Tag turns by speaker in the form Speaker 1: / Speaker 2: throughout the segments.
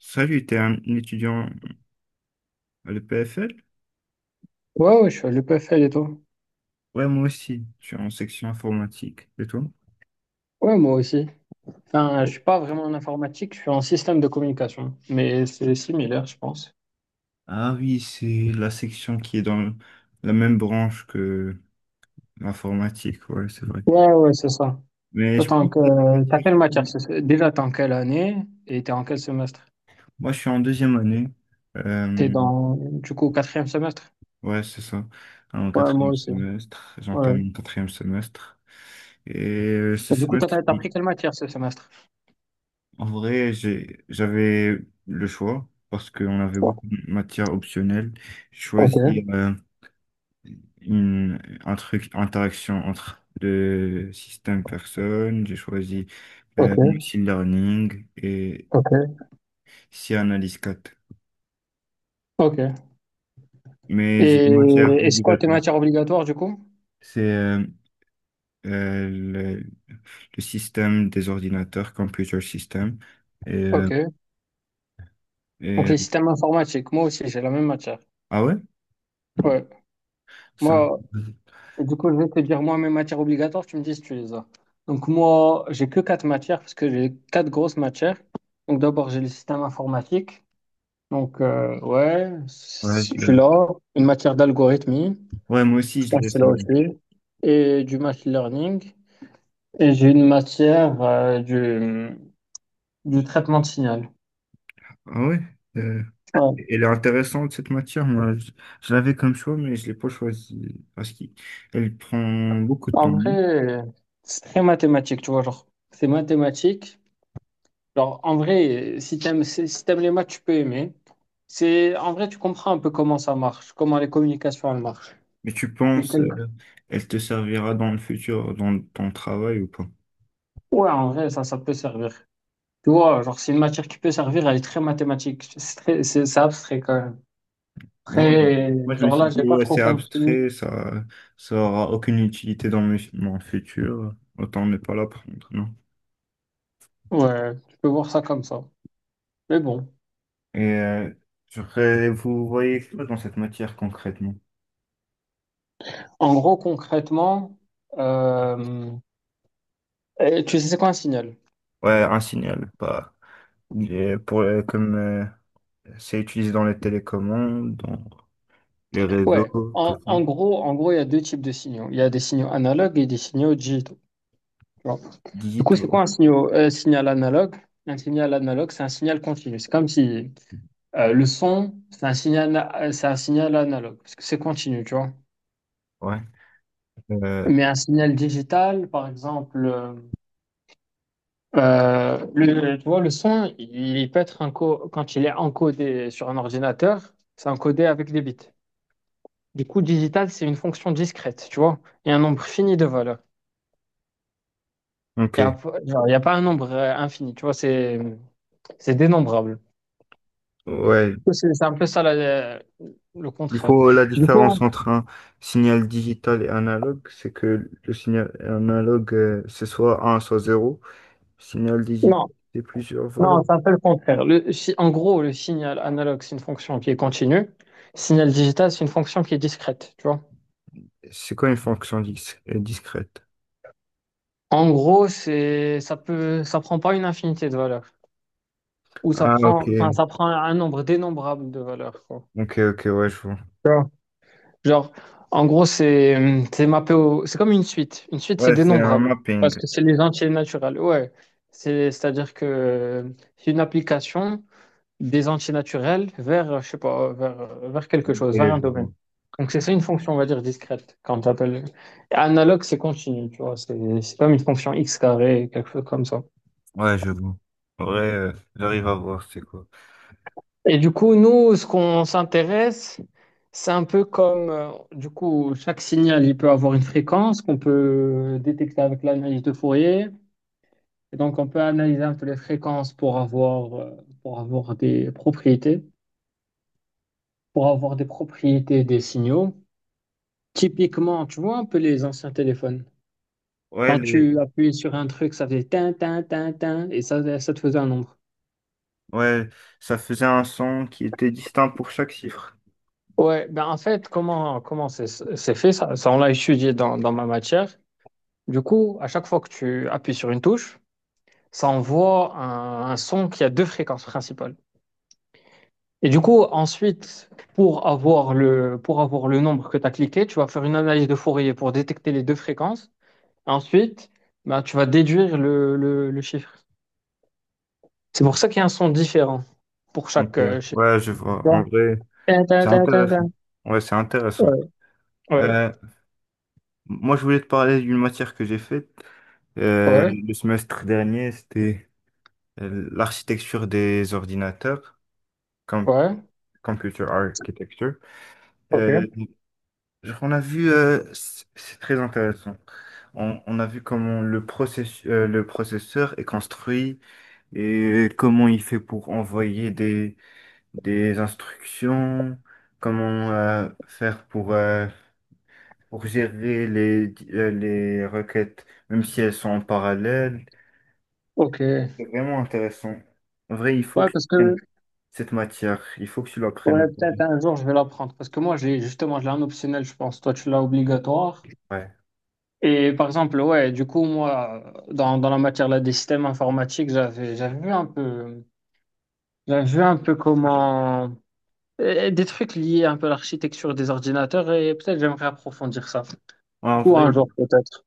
Speaker 1: Salut, t'es un étudiant à l'EPFL?
Speaker 2: Ouais, ouais, je suis à l'EPFL et tout.
Speaker 1: Ouais, moi aussi, je suis en section informatique. Et toi?
Speaker 2: Ouais, moi aussi. Enfin, je
Speaker 1: Oh.
Speaker 2: suis pas vraiment en informatique, je suis en système de communication. Mais c'est similaire, je pense.
Speaker 1: Ah oui, c'est la section qui est dans la même branche que l'informatique, ouais, c'est vrai.
Speaker 2: Ouais, ouais, c'est ça.
Speaker 1: Mais
Speaker 2: Toi,
Speaker 1: je pense que t'as des
Speaker 2: t'as
Speaker 1: matières.
Speaker 2: quelle matière? Déjà, t'es en quelle année et t'es en quel semestre?
Speaker 1: Moi, je suis en deuxième année.
Speaker 2: T'es
Speaker 1: Euh,
Speaker 2: dans, du coup, au quatrième semestre?
Speaker 1: ouais, c'est ça. En
Speaker 2: Ouais, moi
Speaker 1: quatrième
Speaker 2: aussi.
Speaker 1: semestre,
Speaker 2: Ouais.
Speaker 1: j'entame mon quatrième semestre. Et ce
Speaker 2: Et du coup, t'as,
Speaker 1: semestre,
Speaker 2: t'as pris
Speaker 1: oui.
Speaker 2: quelle matière ce semestre?
Speaker 1: En vrai, j'avais le choix parce qu'on avait beaucoup de matières optionnelles.
Speaker 2: Ok,
Speaker 1: Choisir une, un truc, interaction entre le système personne. J'ai choisi
Speaker 2: ok,
Speaker 1: machine learning et
Speaker 2: ok,
Speaker 1: C analyse quatre.
Speaker 2: ok.
Speaker 1: Mais j'ai des
Speaker 2: Et,
Speaker 1: matières
Speaker 2: et c'est quoi tes
Speaker 1: obligatoires.
Speaker 2: matières obligatoires, du coup?
Speaker 1: C'est euh, le, le système des ordinateurs, computer system. Et, euh,
Speaker 2: Ok. Donc,
Speaker 1: et- euh,
Speaker 2: les systèmes informatiques, moi aussi, j'ai la même matière.
Speaker 1: ah ouais?
Speaker 2: Ouais.
Speaker 1: Ça,
Speaker 2: Moi, Et du coup, je vais te dire moi mes matières obligatoires, tu me dis si tu les as. Donc moi, j'ai que quatre matières parce que j'ai quatre grosses matières. Donc d'abord, j'ai le système informatique. Donc ouais,
Speaker 1: ouais, je
Speaker 2: si tu
Speaker 1: l'ai.
Speaker 2: l'as, une matière d'algorithmie,
Speaker 1: Ouais, moi aussi,
Speaker 2: je
Speaker 1: je
Speaker 2: pense
Speaker 1: l'ai.
Speaker 2: que c'est là aussi, et du machine learning. Et j'ai une matière du traitement de signal.
Speaker 1: Ah ouais, euh,
Speaker 2: Ouais.
Speaker 1: elle est intéressante cette matière. Je l'avais comme choix, mais je l'ai pas choisie parce qu'elle prend beaucoup de
Speaker 2: En
Speaker 1: temps, non?
Speaker 2: vrai, c'est très mathématique, tu vois, genre, c'est mathématique. Alors, en vrai, si t'aimes les maths, tu peux aimer. C'est, en vrai, tu comprends un peu comment ça marche, comment les communications, elles marchent.
Speaker 1: Mais tu
Speaker 2: C'est
Speaker 1: penses,
Speaker 2: quelque-
Speaker 1: elle te servira dans le futur, dans ton travail ou pas?
Speaker 2: Ouais, en vrai, ça peut servir. Tu vois, genre, c'est une matière qui peut servir, elle est très mathématique. C'est abstrait quand même.
Speaker 1: Voilà.
Speaker 2: Très,
Speaker 1: Moi, je me
Speaker 2: genre
Speaker 1: suis
Speaker 2: là,
Speaker 1: dit,
Speaker 2: j'ai pas
Speaker 1: ouais,
Speaker 2: trop
Speaker 1: c'est
Speaker 2: compris.
Speaker 1: abstrait, ça aura aucune utilité dans mes- mon futur. Autant ne pas l'apprendre, non?
Speaker 2: Ouais, tu peux voir ça comme ça. Mais bon,
Speaker 1: Et je voudrais- vous voyez quoi dans cette matière concrètement?
Speaker 2: en gros, concrètement, euh, tu sais, c'est quoi un signal?
Speaker 1: Ouais, un signal, pas. Il est pour, comme. C'est utilisé dans les télécommandes, dans les
Speaker 2: Ouais,
Speaker 1: réseaux,
Speaker 2: en,
Speaker 1: tout ça.
Speaker 2: en gros, en gros, il y a deux types de signaux. Il y a des signaux analogues et des signaux digitaux. Tu Du coup, c'est quoi un
Speaker 1: Digitaux,
Speaker 2: signal, signal analogue? Un signal analogue, c'est un signal continu. C'est comme si le son, c'est un signal analogue, parce que c'est continu, tu vois.
Speaker 1: ouais. Euh,
Speaker 2: Mais un signal digital, par exemple, tu vois, le son, il peut être enco- quand il est encodé sur un ordinateur, c'est encodé avec des bits. Du coup, digital, c'est une fonction discrète, tu vois. Il y a un nombre fini de valeurs.
Speaker 1: ok.
Speaker 2: Il n'y a, genre, il y a pas un nombre infini, tu vois, c'est dénombrable.
Speaker 1: Ouais.
Speaker 2: C'est un peu ça le
Speaker 1: Du
Speaker 2: contraire.
Speaker 1: coup, la
Speaker 2: Du
Speaker 1: différence
Speaker 2: coup,
Speaker 1: entre un signal digital et analogue, c'est que le signal analogue, c'est soit un soit 0. Signal
Speaker 2: non,
Speaker 1: digital, c'est plusieurs valeurs.
Speaker 2: non, c'est un peu le contraire. Le, si- En gros, le signal analogue, c'est une fonction qui est continue. Signal digital, c'est une fonction qui est discrète, tu vois.
Speaker 1: C'est quoi une fonction discrète?
Speaker 2: En gros, ça prend pas une infinité de valeurs.
Speaker 1: Ah,
Speaker 2: Enfin,
Speaker 1: ok.
Speaker 2: ça prend un nombre dénombrable de valeurs, quoi.
Speaker 1: Ok, ok, ouais, je vois.
Speaker 2: Tu vois. Genre, en gros, c'est comme une suite. Une suite, c'est
Speaker 1: Ouais, c'est un
Speaker 2: dénombrable. Parce
Speaker 1: mapping.
Speaker 2: que c'est les entiers naturels. Ouais. C'est-à-dire que c'est une application des antinaturels vers, je sais pas, vers
Speaker 1: Ok,
Speaker 2: quelque chose, vers un
Speaker 1: je vois.
Speaker 2: domaine. Donc, c'est ça une fonction, on va dire, discrète, quand tu appelles. Analogue, c'est continu, tu vois, c'est comme une fonction x carré, quelque chose comme ça.
Speaker 1: Ouais, je vois. Ouais, j'arrive à voir, c'est quoi.
Speaker 2: Et du coup, nous, ce qu'on s'intéresse, c'est un peu comme, chaque signal, il peut avoir une fréquence qu'on peut détecter avec l'analyse de Fourier. Et donc, on peut analyser un peu les fréquences pour avoir des propriétés, pour avoir des propriétés des signaux. Typiquement, tu vois un peu les anciens téléphones.
Speaker 1: Ouais.
Speaker 2: Quand tu appuyais sur un truc, ça faisait tin, tin, tin, tin, et ça te faisait un nombre.
Speaker 1: Ouais, ça faisait un son qui était distinct pour chaque chiffre.
Speaker 2: Ouais, ben en fait, comment c'est fait ça, ça on l'a étudié dans ma matière. Du coup, à chaque fois que tu appuies sur une touche, ça envoie un son qui a deux fréquences principales. Et du coup, ensuite, pour avoir le nombre que tu as cliqué, tu vas faire une analyse de Fourier pour détecter les deux fréquences. Ensuite, ben, tu vas déduire le chiffre. C'est pour ça qu'il y a un son différent pour
Speaker 1: Donc,
Speaker 2: chaque chef.
Speaker 1: ouais, je vois. En
Speaker 2: Genre,
Speaker 1: vrai,
Speaker 2: ta, ta,
Speaker 1: c'est
Speaker 2: ta, ta,
Speaker 1: intéressant.
Speaker 2: ta.
Speaker 1: Ouais, c'est intéressant.
Speaker 2: Ouais, ouais,
Speaker 1: Euh, je voulais te parler d'une matière que j'ai faite
Speaker 2: ouais,
Speaker 1: le semestre dernier. C'était l'architecture des ordinateurs, com-
Speaker 2: ouais.
Speaker 1: computer architecture. Euh,
Speaker 2: Ok.
Speaker 1: genre, on a vu, c'est très intéressant. On a vu comment le le processeur est construit et comment il fait pour envoyer des instructions, comment faire pour gérer les, les requêtes, même si elles sont en parallèle.
Speaker 2: Ok. Ouais,
Speaker 1: C'est vraiment intéressant. En vrai, il faut que tu
Speaker 2: parce que
Speaker 1: prennes cette matière, il faut que tu
Speaker 2: ouais,
Speaker 1: l'apprennes.
Speaker 2: peut-être un jour je vais l'apprendre. Parce que moi, j'ai justement, je l'ai en optionnel, je pense. Toi, tu l'as obligatoire.
Speaker 1: Ouais.
Speaker 2: Et par exemple, ouais, du coup, moi, dans la matière là, des systèmes informatiques, j'avais vu un peu comment des trucs liés un peu à l'architecture des ordinateurs et peut-être j'aimerais approfondir ça. Du
Speaker 1: En
Speaker 2: coup, un
Speaker 1: vrai,
Speaker 2: jour peut-être.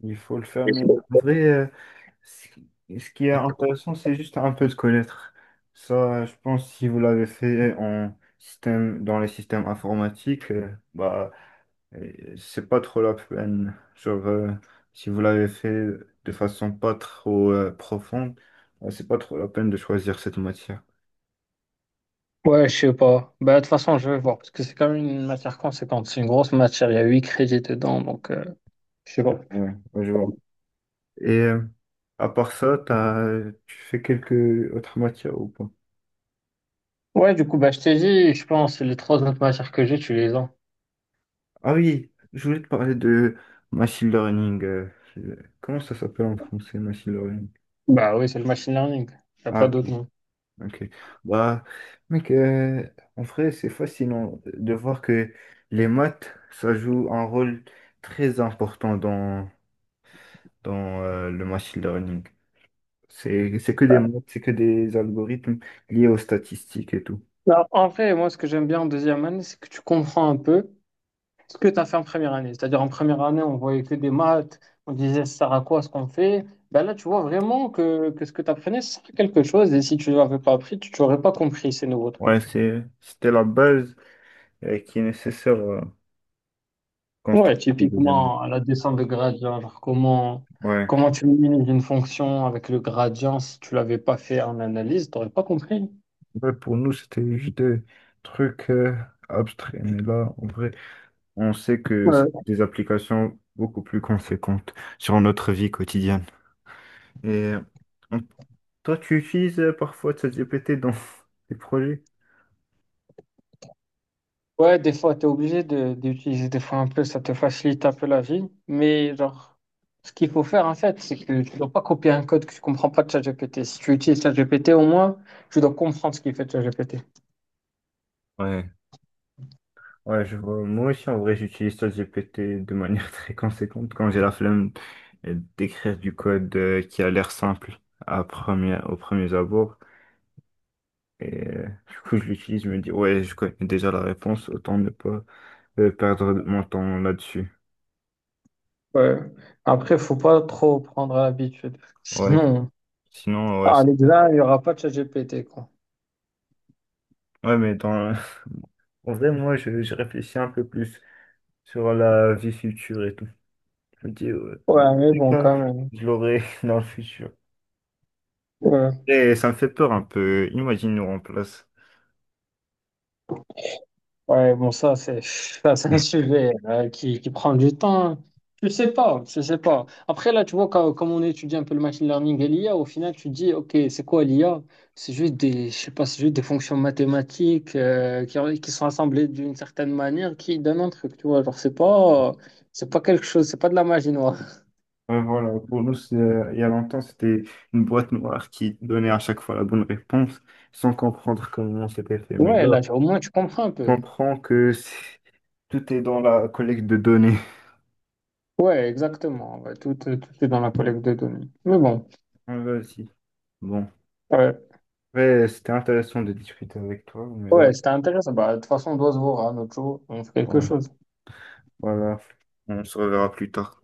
Speaker 1: il faut le faire, mais en vrai, ce qui ce qui est intéressant, c'est juste un peu de connaître. Ça, je pense, si vous l'avez fait en système, dans les systèmes informatiques, et c'est pas trop la peine. Genre, si vous l'avez fait de façon pas trop profonde, c'est pas trop la peine de choisir cette matière.
Speaker 2: Ouais, je sais pas. Bah, de toute façon, je vais voir, parce que c'est quand même une matière conséquente. C'est une grosse matière, il y a 8 crédits dedans, donc je sais pas.
Speaker 1: Ouais, ouais, je vois. Et à part ça, tu fais quelques autres matières ou pas?
Speaker 2: Ouais, du coup, bah, je t'ai dit, je pense, les trois autres matières que j'ai, tu les as.
Speaker 1: Ah oui, je voulais te parler de machine learning. Comment ça s'appelle en français, machine learning?
Speaker 2: Bah oui, c'est le machine learning. Il a pas
Speaker 1: Ah,
Speaker 2: d'autre nom.
Speaker 1: ok. Bah, mec, en vrai, c'est fascinant de voir que les maths, ça joue un rôle très important dans, dans le machine learning. C'est que des
Speaker 2: Bah,
Speaker 1: maths, c'est que des algorithmes liés aux statistiques et tout.
Speaker 2: alors en vrai, moi, ce que j'aime bien en deuxième année, c'est que tu comprends un peu ce que tu as fait en première année. C'est-à-dire, en première année, on voyait que des maths, on disait ça sert à quoi ce qu'on fait. Bah là, tu vois vraiment que ce que tu apprenais, ça sert à quelque chose, et si tu l'avais pas appris, tu n'aurais pas compris ces nouveaux trucs.
Speaker 1: Ouais, c'était la base qui est nécessaire
Speaker 2: Ouais,
Speaker 1: construire le deuxième.
Speaker 2: typiquement, la descente de gradient, genre comment,
Speaker 1: Ouais.
Speaker 2: comment tu minimises une fonction avec le gradient si tu l'avais pas fait en analyse, t'aurais pas compris.
Speaker 1: Ouais, pour nous, c'était juste des trucs abstraits. Mais là, en vrai, on sait que ça a
Speaker 2: Ouais,
Speaker 1: des applications beaucoup plus conséquentes sur notre vie quotidienne. Et on- toi, tu utilises parfois ChatGPT dans tes projets?
Speaker 2: ouais, des fois, tu es obligé d'utiliser des fois un peu, ça te facilite un peu la vie. Mais genre, ce qu'il faut faire en fait, c'est que tu dois pas copier un code que tu comprends pas de ChatGPT. Si tu utilises ChatGPT, au moins, tu dois comprendre ce qu'il fait de ChatGPT.
Speaker 1: Ouais. Ouais, je vois. Moi aussi, en vrai, j'utilise ChatGPT de manière très conséquente quand j'ai la flemme d'écrire du code qui a l'air simple à première, au premier abord. Et du coup, je l'utilise, je me dis, ouais, je connais déjà la réponse, autant ne pas perdre mon temps là-dessus.
Speaker 2: Ouais. Après, faut pas trop prendre à l'habitude.
Speaker 1: Ouais,
Speaker 2: Sinon,
Speaker 1: sinon, ouais.
Speaker 2: à
Speaker 1: C'est-
Speaker 2: l'examen, il y aura pas de ChatGPT, quoi.
Speaker 1: ouais, mais dans, en vrai, je réfléchis un peu plus sur la vie future et tout. Je me dis, dans
Speaker 2: Ouais,
Speaker 1: tous
Speaker 2: mais
Speaker 1: les
Speaker 2: bon,
Speaker 1: cas,
Speaker 2: quand même.
Speaker 1: je l'aurai dans le futur.
Speaker 2: Ouais,
Speaker 1: Et ça me fait peur un peu. Imagine nous remplace.
Speaker 2: ouais, bon, c'est ça, c'est un sujet qui prend du temps. Je sais pas, je sais pas. Après, là, tu vois, comme on étudie un peu le machine learning et l'IA, au final, tu dis, OK, c'est quoi l'IA? Je sais pas, c'est juste des fonctions mathématiques qui sont assemblées d'une certaine manière qui donnent un truc, tu vois. Genre, c'est pas quelque chose, c'est pas de la magie noire.
Speaker 1: Ouais, voilà, pour nous, c'est- il y a longtemps, c'était une boîte noire qui donnait à chaque fois la bonne réponse sans comprendre comment c'était fait. Mais
Speaker 2: Ouais,
Speaker 1: là,
Speaker 2: là, au moins, tu comprends un
Speaker 1: on
Speaker 2: peu.
Speaker 1: comprend que c'est- tout est dans la collecte de données.
Speaker 2: Ouais, exactement. Ouais, tout est dans la collecte de données. Mais bon.
Speaker 1: Ouais, vas. Bon.
Speaker 2: Ouais.
Speaker 1: Ouais, c'était intéressant de discuter avec toi, mais là,
Speaker 2: Ouais, c'était intéressant. Bah, de toute façon, on doit se voir hein, un jour. On fait quelque
Speaker 1: ouais,
Speaker 2: chose.
Speaker 1: voilà, on se reverra plus tard.